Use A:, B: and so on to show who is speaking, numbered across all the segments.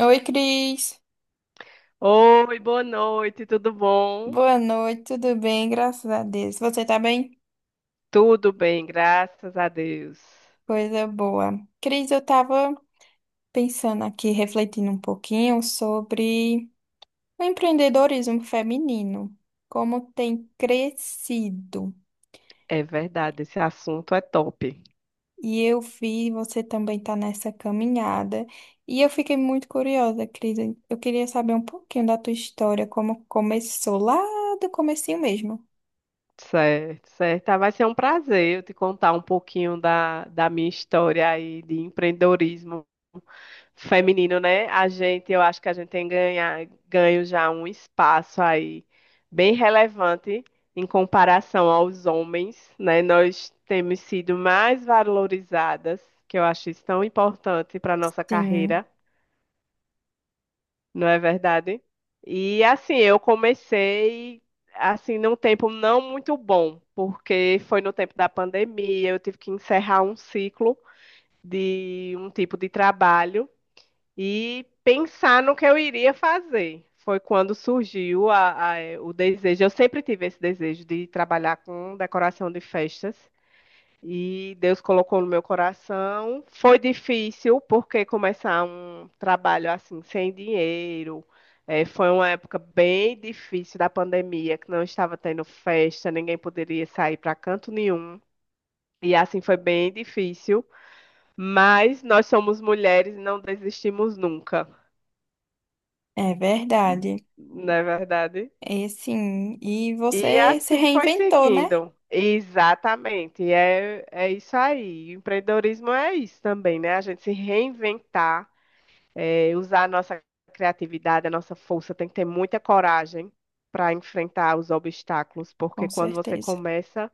A: Oi, Cris.
B: Oi, boa noite, tudo bom?
A: Boa noite, tudo bem? Graças a Deus. Você tá bem?
B: Tudo bem, graças a Deus.
A: Coisa boa. Cris, eu tava pensando aqui, refletindo um pouquinho sobre o empreendedorismo feminino, como tem crescido.
B: É verdade, esse assunto é top.
A: E eu vi você também tá nessa caminhada. E eu fiquei muito curiosa, Cris. Eu queria saber um pouquinho da tua história, como começou lá do comecinho mesmo.
B: Certo, certo. Vai ser um prazer eu te contar um pouquinho da minha história aí de empreendedorismo feminino, né? Eu acho que a gente tem ganho já um espaço aí bem relevante em comparação aos homens, né? Nós temos sido mais valorizadas, que eu acho isso tão importante para a nossa
A: Sim,
B: carreira. Não é verdade? E assim, eu comecei assim num tempo não muito bom, porque foi no tempo da pandemia, eu tive que encerrar um ciclo de um tipo de trabalho e pensar no que eu iria fazer. Foi quando surgiu o desejo. Eu sempre tive esse desejo de trabalhar com decoração de festas. E Deus colocou no meu coração. Foi difícil, porque começar um trabalho assim, sem dinheiro, foi uma época bem difícil da pandemia, que não estava tendo festa, ninguém poderia sair para canto nenhum. E assim foi bem difícil. Mas nós somos mulheres e não desistimos nunca,
A: é verdade.
B: não é verdade?
A: É sim, e
B: E
A: você se
B: assim foi
A: reinventou, né?
B: seguindo. Exatamente. É, isso aí. Empreendedorismo é isso também, né? A gente se reinventar, é, usar a nossa criatividade, a nossa força, tem que ter muita coragem para enfrentar os obstáculos,
A: Com
B: porque quando você
A: certeza.
B: começa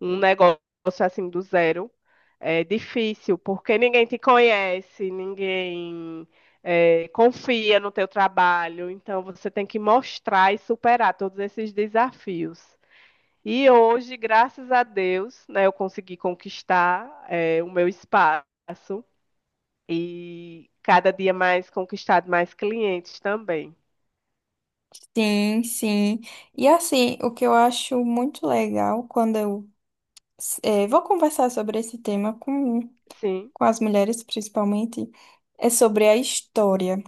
B: um negócio assim do zero, é difícil, porque ninguém te conhece, ninguém confia no teu trabalho, então você tem que mostrar e superar todos esses desafios. E hoje, graças a Deus, né, eu consegui conquistar é, o meu espaço e cada dia mais conquistado mais clientes também.
A: Sim, sim. E assim, o que eu acho muito legal quando eu vou conversar sobre esse tema
B: Sim,
A: com as mulheres, principalmente, é sobre a história.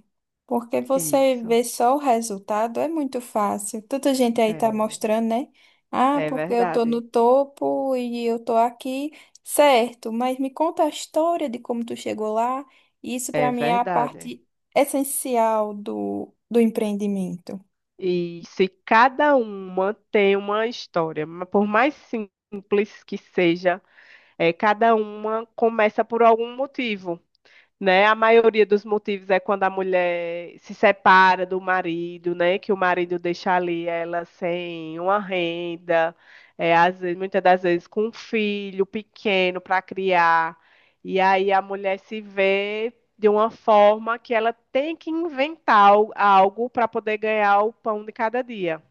A: Porque você
B: isso.
A: vê só o resultado, é muito fácil. Tanta gente aí tá
B: É,
A: mostrando, né? Ah,
B: é
A: porque eu tô no
B: verdade.
A: topo e eu tô aqui. Certo, mas me conta a história de como tu chegou lá. Isso para
B: É
A: mim é a
B: verdade.
A: parte essencial do empreendimento.
B: E se cada uma tem uma história, por mais simples que seja, é, cada uma começa por algum motivo. Né? A maioria dos motivos é quando a mulher se separa do marido, né? Que o marido deixa ali ela sem uma renda, é, às vezes, muitas das vezes com um filho pequeno para criar. E aí a mulher se vê de uma forma que ela tem que inventar algo para poder ganhar o pão de cada dia.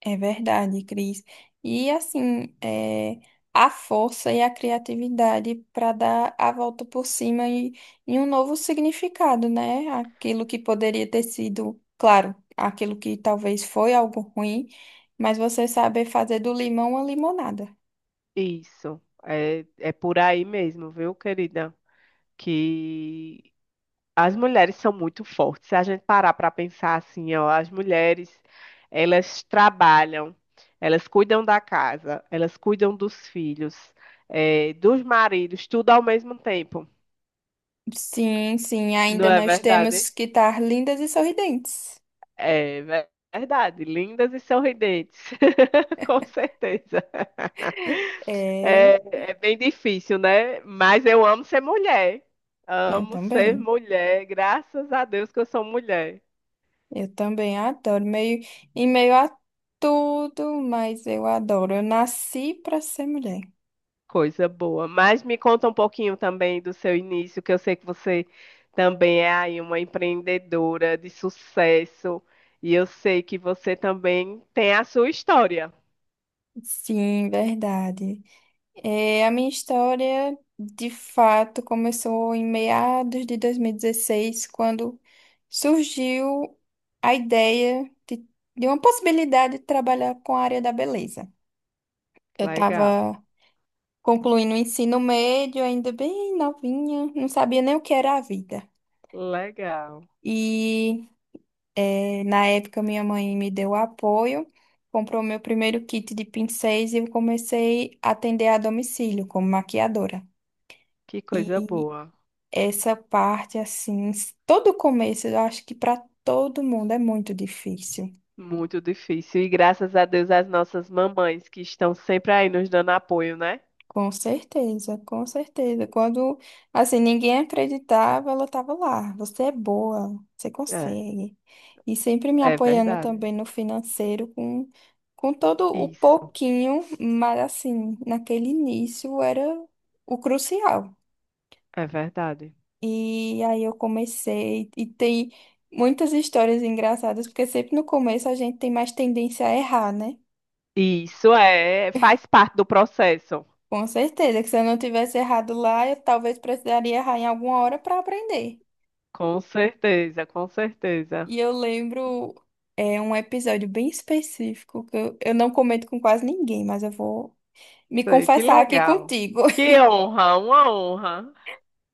A: É verdade, Cris. E assim, é, a força e a criatividade para dar a volta por cima e um novo significado, né? Aquilo que poderia ter sido, claro, aquilo que talvez foi algo ruim, mas você saber fazer do limão uma limonada.
B: Isso. É, é por aí mesmo, viu, querida? Que as mulheres são muito fortes. Se a gente parar para pensar assim, ó, as mulheres, elas trabalham, elas cuidam da casa, elas cuidam dos filhos, dos maridos, tudo ao mesmo tempo.
A: Sim, sim,
B: Não
A: ainda
B: é
A: nós
B: verdade?
A: temos que estar lindas e sorridentes.
B: É ver- verdade. Lindas e sorridentes. Com certeza.
A: É,
B: É, é bem difícil, né? Mas eu amo ser mulher.
A: eu
B: Amo ser
A: também.
B: mulher. Graças a Deus que eu sou mulher.
A: Eu também adoro. Meio, em meio a tudo, mas eu adoro. Eu nasci para ser mulher.
B: Coisa boa. Mas me conta um pouquinho também do seu início, que eu sei que você também é aí uma empreendedora de sucesso. E eu sei que você também tem a sua história.
A: Sim, verdade. É, a minha história, de fato, começou em meados de 2016, quando surgiu a ideia de uma possibilidade de trabalhar com a área da beleza. Eu
B: Legal,
A: estava concluindo o ensino médio, ainda bem novinha, não sabia nem o que era a vida.
B: legal.
A: E é, na época, minha mãe me deu apoio, comprou meu primeiro kit de pincéis e eu comecei a atender a domicílio como maquiadora.
B: Que coisa
A: E
B: boa.
A: essa parte, assim, todo começo, eu acho que para todo mundo é muito difícil.
B: Muito difícil. E graças a Deus as nossas mamães que estão sempre aí nos dando apoio, né?
A: Com certeza, com certeza. Quando, assim, ninguém acreditava, ela estava lá. Você é boa, você
B: É,
A: consegue. E sempre me
B: é
A: apoiando
B: verdade.
A: também no financeiro, com todo o
B: Isso,
A: pouquinho, mas, assim, naquele início era o crucial.
B: é verdade.
A: E aí eu comecei, e tem muitas histórias engraçadas, porque sempre no começo a gente tem mais tendência a errar, né?
B: Isso é, faz parte do processo.
A: Com certeza, que se eu não tivesse errado lá, eu talvez precisaria errar em alguma hora para aprender.
B: Com certeza, com certeza.
A: E eu lembro é um episódio bem específico que eu não comento com quase ninguém, mas eu vou me
B: Sei, que
A: confessar aqui
B: legal.
A: contigo.
B: Que honra, uma honra.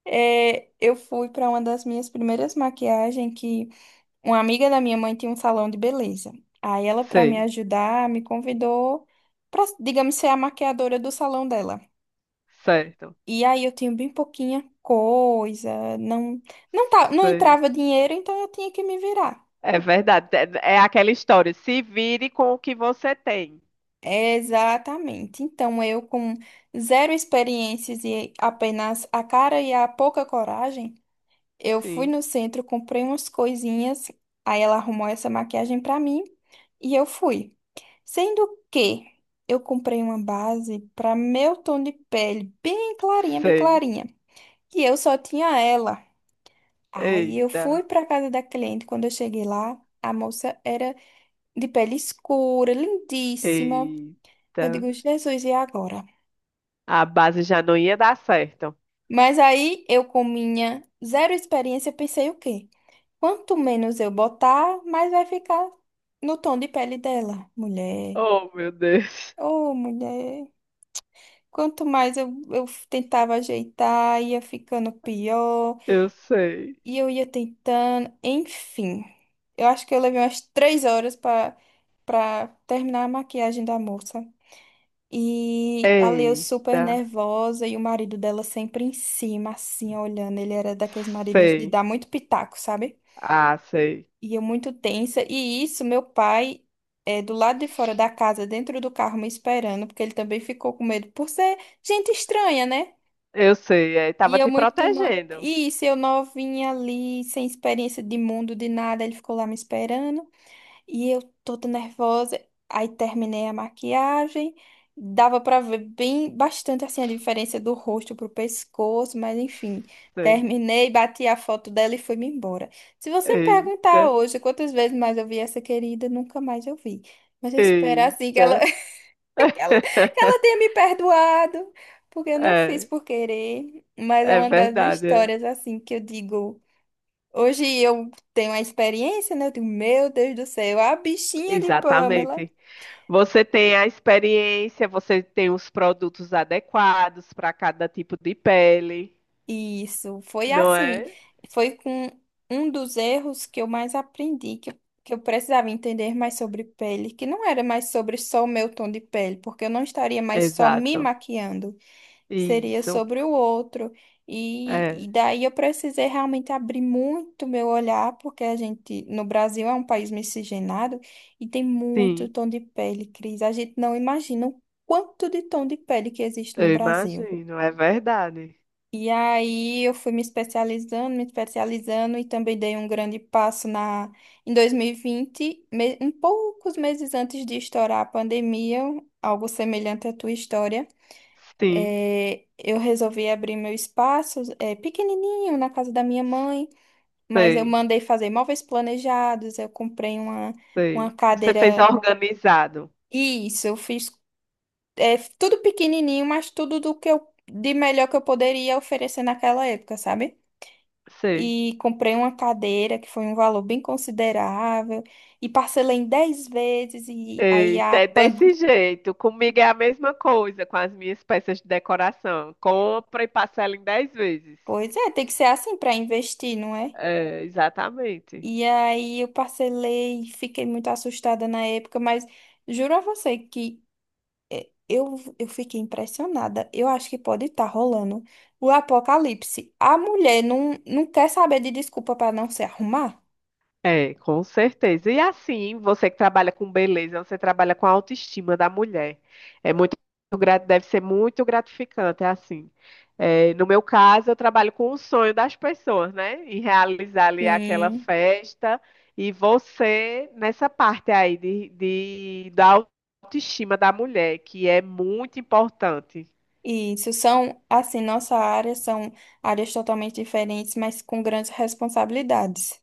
A: É, eu fui para uma das minhas primeiras maquiagens que uma amiga da minha mãe tinha um salão de beleza. Aí ela, para me
B: Sei,
A: ajudar, me convidou para, digamos, ser a maquiadora do salão dela.
B: certo,
A: E aí eu tinha bem pouquinha coisa, não tá, não
B: sei.
A: entrava dinheiro, então eu tinha que me virar.
B: É verdade. É, é aquela história. Se vire com o que você tem.
A: Exatamente. Então, eu com zero experiências e apenas a cara e a pouca coragem, eu fui
B: Sim,
A: no centro, comprei umas coisinhas, aí ela arrumou essa maquiagem pra mim e eu fui. Sendo que eu comprei uma base pra meu tom de pele, bem
B: sei.
A: clarinha, e eu só tinha ela. Aí eu
B: Eita,
A: fui pra casa da cliente, quando eu cheguei lá, a moça era de pele escura, lindíssima. Eu
B: eita.
A: digo, Jesus, e agora?
B: A base já não ia dar certo.
A: Mas aí eu, com minha zero experiência, pensei o quê? Quanto menos eu botar, mais vai ficar no tom de pele dela. Mulher,
B: Oh, meu Deus.
A: ô mulher. Quanto mais eu tentava ajeitar, ia ficando pior.
B: Eu sei.
A: E eu ia tentando. Enfim, eu acho que eu levei umas 3 horas para terminar a maquiagem da moça. E a Leo super
B: Eita,
A: nervosa e o marido dela sempre em cima, assim, olhando. Ele era daqueles maridos de
B: sei.
A: dar muito pitaco, sabe?
B: Ah, sei.
A: E eu muito tensa. E isso, meu pai, é, do lado de fora da casa, dentro do carro, me esperando, porque ele também ficou com medo por ser gente estranha, né?
B: Eu sei. É,
A: E
B: tava
A: eu
B: te
A: muito. No...
B: protegendo.
A: E isso, eu novinha ali, sem experiência de mundo, de nada, ele ficou lá me esperando. E eu toda nervosa, aí terminei a maquiagem, dava pra ver bem bastante assim a diferença do rosto pro pescoço, mas enfim,
B: Sei.
A: terminei, bati a foto dela e fui-me embora. Se você me perguntar
B: Eita,
A: hoje quantas vezes mais eu vi essa querida, nunca mais eu vi. Mas eu espero assim que ela,
B: eita.
A: que ela tenha me perdoado, porque eu não fiz
B: É,
A: por querer, mas é
B: é
A: uma das
B: verdade. É.
A: histórias assim que eu digo. Hoje eu tenho a experiência, né? Eu digo, meu Deus do céu, a bichinha de Pamela.
B: Exatamente. Você tem a experiência, você tem os produtos adequados para cada tipo de pele,
A: Isso, foi
B: não
A: assim.
B: é?
A: Foi com um dos erros que eu mais aprendi, que eu precisava entender mais sobre pele, que não era mais sobre só o meu tom de pele, porque eu não estaria mais só me
B: Exato.
A: maquiando. Seria
B: Isso.
A: sobre o outro. E
B: É,
A: daí eu precisei realmente abrir muito meu olhar, porque a gente, no Brasil, é um país miscigenado e tem muito
B: sim,
A: tom de pele, Cris. A gente não imagina o quanto de tom de pele que existe no
B: eu
A: Brasil.
B: imagino, é verdade.
A: E aí eu fui me especializando e também dei um grande passo na em 2020, um poucos meses antes de estourar a pandemia, algo semelhante à tua história.
B: Sim,
A: É, eu resolvi abrir meu espaço, é, pequenininho, na casa da minha mãe, mas eu
B: sei,
A: mandei fazer móveis planejados, uma
B: sei. Você fez
A: cadeira.
B: organizado.
A: Isso, eu fiz, é, tudo pequenininho, mas tudo do que eu, de melhor que eu poderia oferecer naquela época, sabe?
B: Sei.
A: E comprei uma cadeira que foi um valor bem considerável e parcelei em 10 vezes e aí
B: Eita,
A: a
B: é
A: pan...
B: desse jeito. Comigo é a mesma coisa com as minhas peças de decoração. Compra e parcela em 10 vezes.
A: Pois é, tem que ser assim para investir, não é?
B: É, exatamente.
A: E aí eu parcelei, fiquei muito assustada na época, mas juro a você que eu fiquei impressionada. Eu acho que pode estar rolando o apocalipse. A mulher não, não quer saber de desculpa para não se arrumar?
B: É, com certeza. E assim, você que trabalha com beleza, você trabalha com a autoestima da mulher. É muito deve ser muito gratificante, é assim. É, no meu caso, eu trabalho com o sonho das pessoas, né? Em realizar ali aquela
A: Sim.
B: festa. E você, nessa parte aí da autoestima da mulher, que é muito importante.
A: Isso são, assim, nossa área são áreas totalmente diferentes, mas com grandes responsabilidades.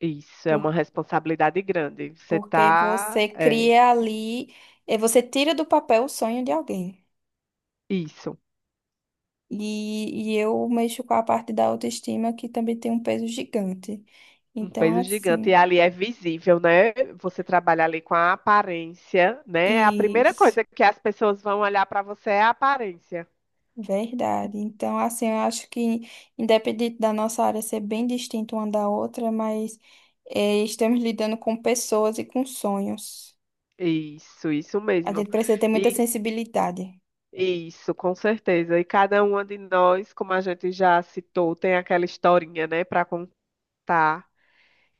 B: Isso, é uma
A: Por,
B: responsabilidade grande. Você
A: porque
B: tá,
A: você
B: é,
A: cria ali, eh, você tira do papel o sonho de alguém.
B: isso.
A: E eu mexo com a parte da autoestima que também tem um peso gigante.
B: Um
A: Então,
B: peso gigante. E
A: assim,
B: ali é visível, né? Você trabalha ali com a aparência, né? A primeira
A: isso,
B: coisa que as pessoas vão olhar para você é a aparência.
A: verdade. Então, assim, eu acho que, independente da nossa área ser bem distinta uma da outra, mas eh, estamos lidando com pessoas e com sonhos.
B: Isso
A: A
B: mesmo.
A: gente precisa ter muita
B: E
A: sensibilidade.
B: isso, com certeza. E cada uma de nós, como a gente já citou, tem aquela historinha, né, para contar.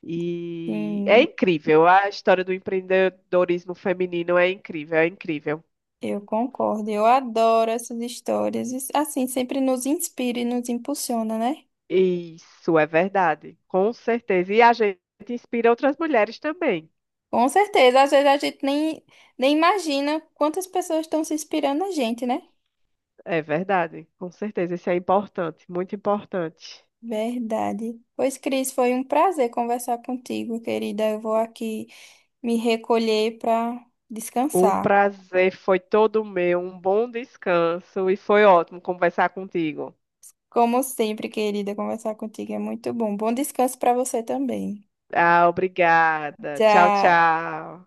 B: E é
A: Sim,
B: incrível. A história do empreendedorismo feminino é incrível, é incrível.
A: eu concordo. Eu adoro essas histórias. E, assim, sempre nos inspira e nos impulsiona, né?
B: Isso é verdade, com certeza. E a gente inspira outras mulheres também.
A: Com certeza, às vezes a gente nem, nem imagina quantas pessoas estão se inspirando na gente, né?
B: É verdade, com certeza. Isso é importante, muito importante.
A: Verdade. Pois, Cris, foi um prazer conversar contigo, querida. Eu vou aqui me recolher para
B: O
A: descansar.
B: prazer foi todo meu, um bom descanso e foi ótimo conversar contigo.
A: Como sempre, querida, conversar contigo é muito bom. Bom descanso para você também.
B: Ah, obrigada. Tchau,
A: Tchau.
B: tchau.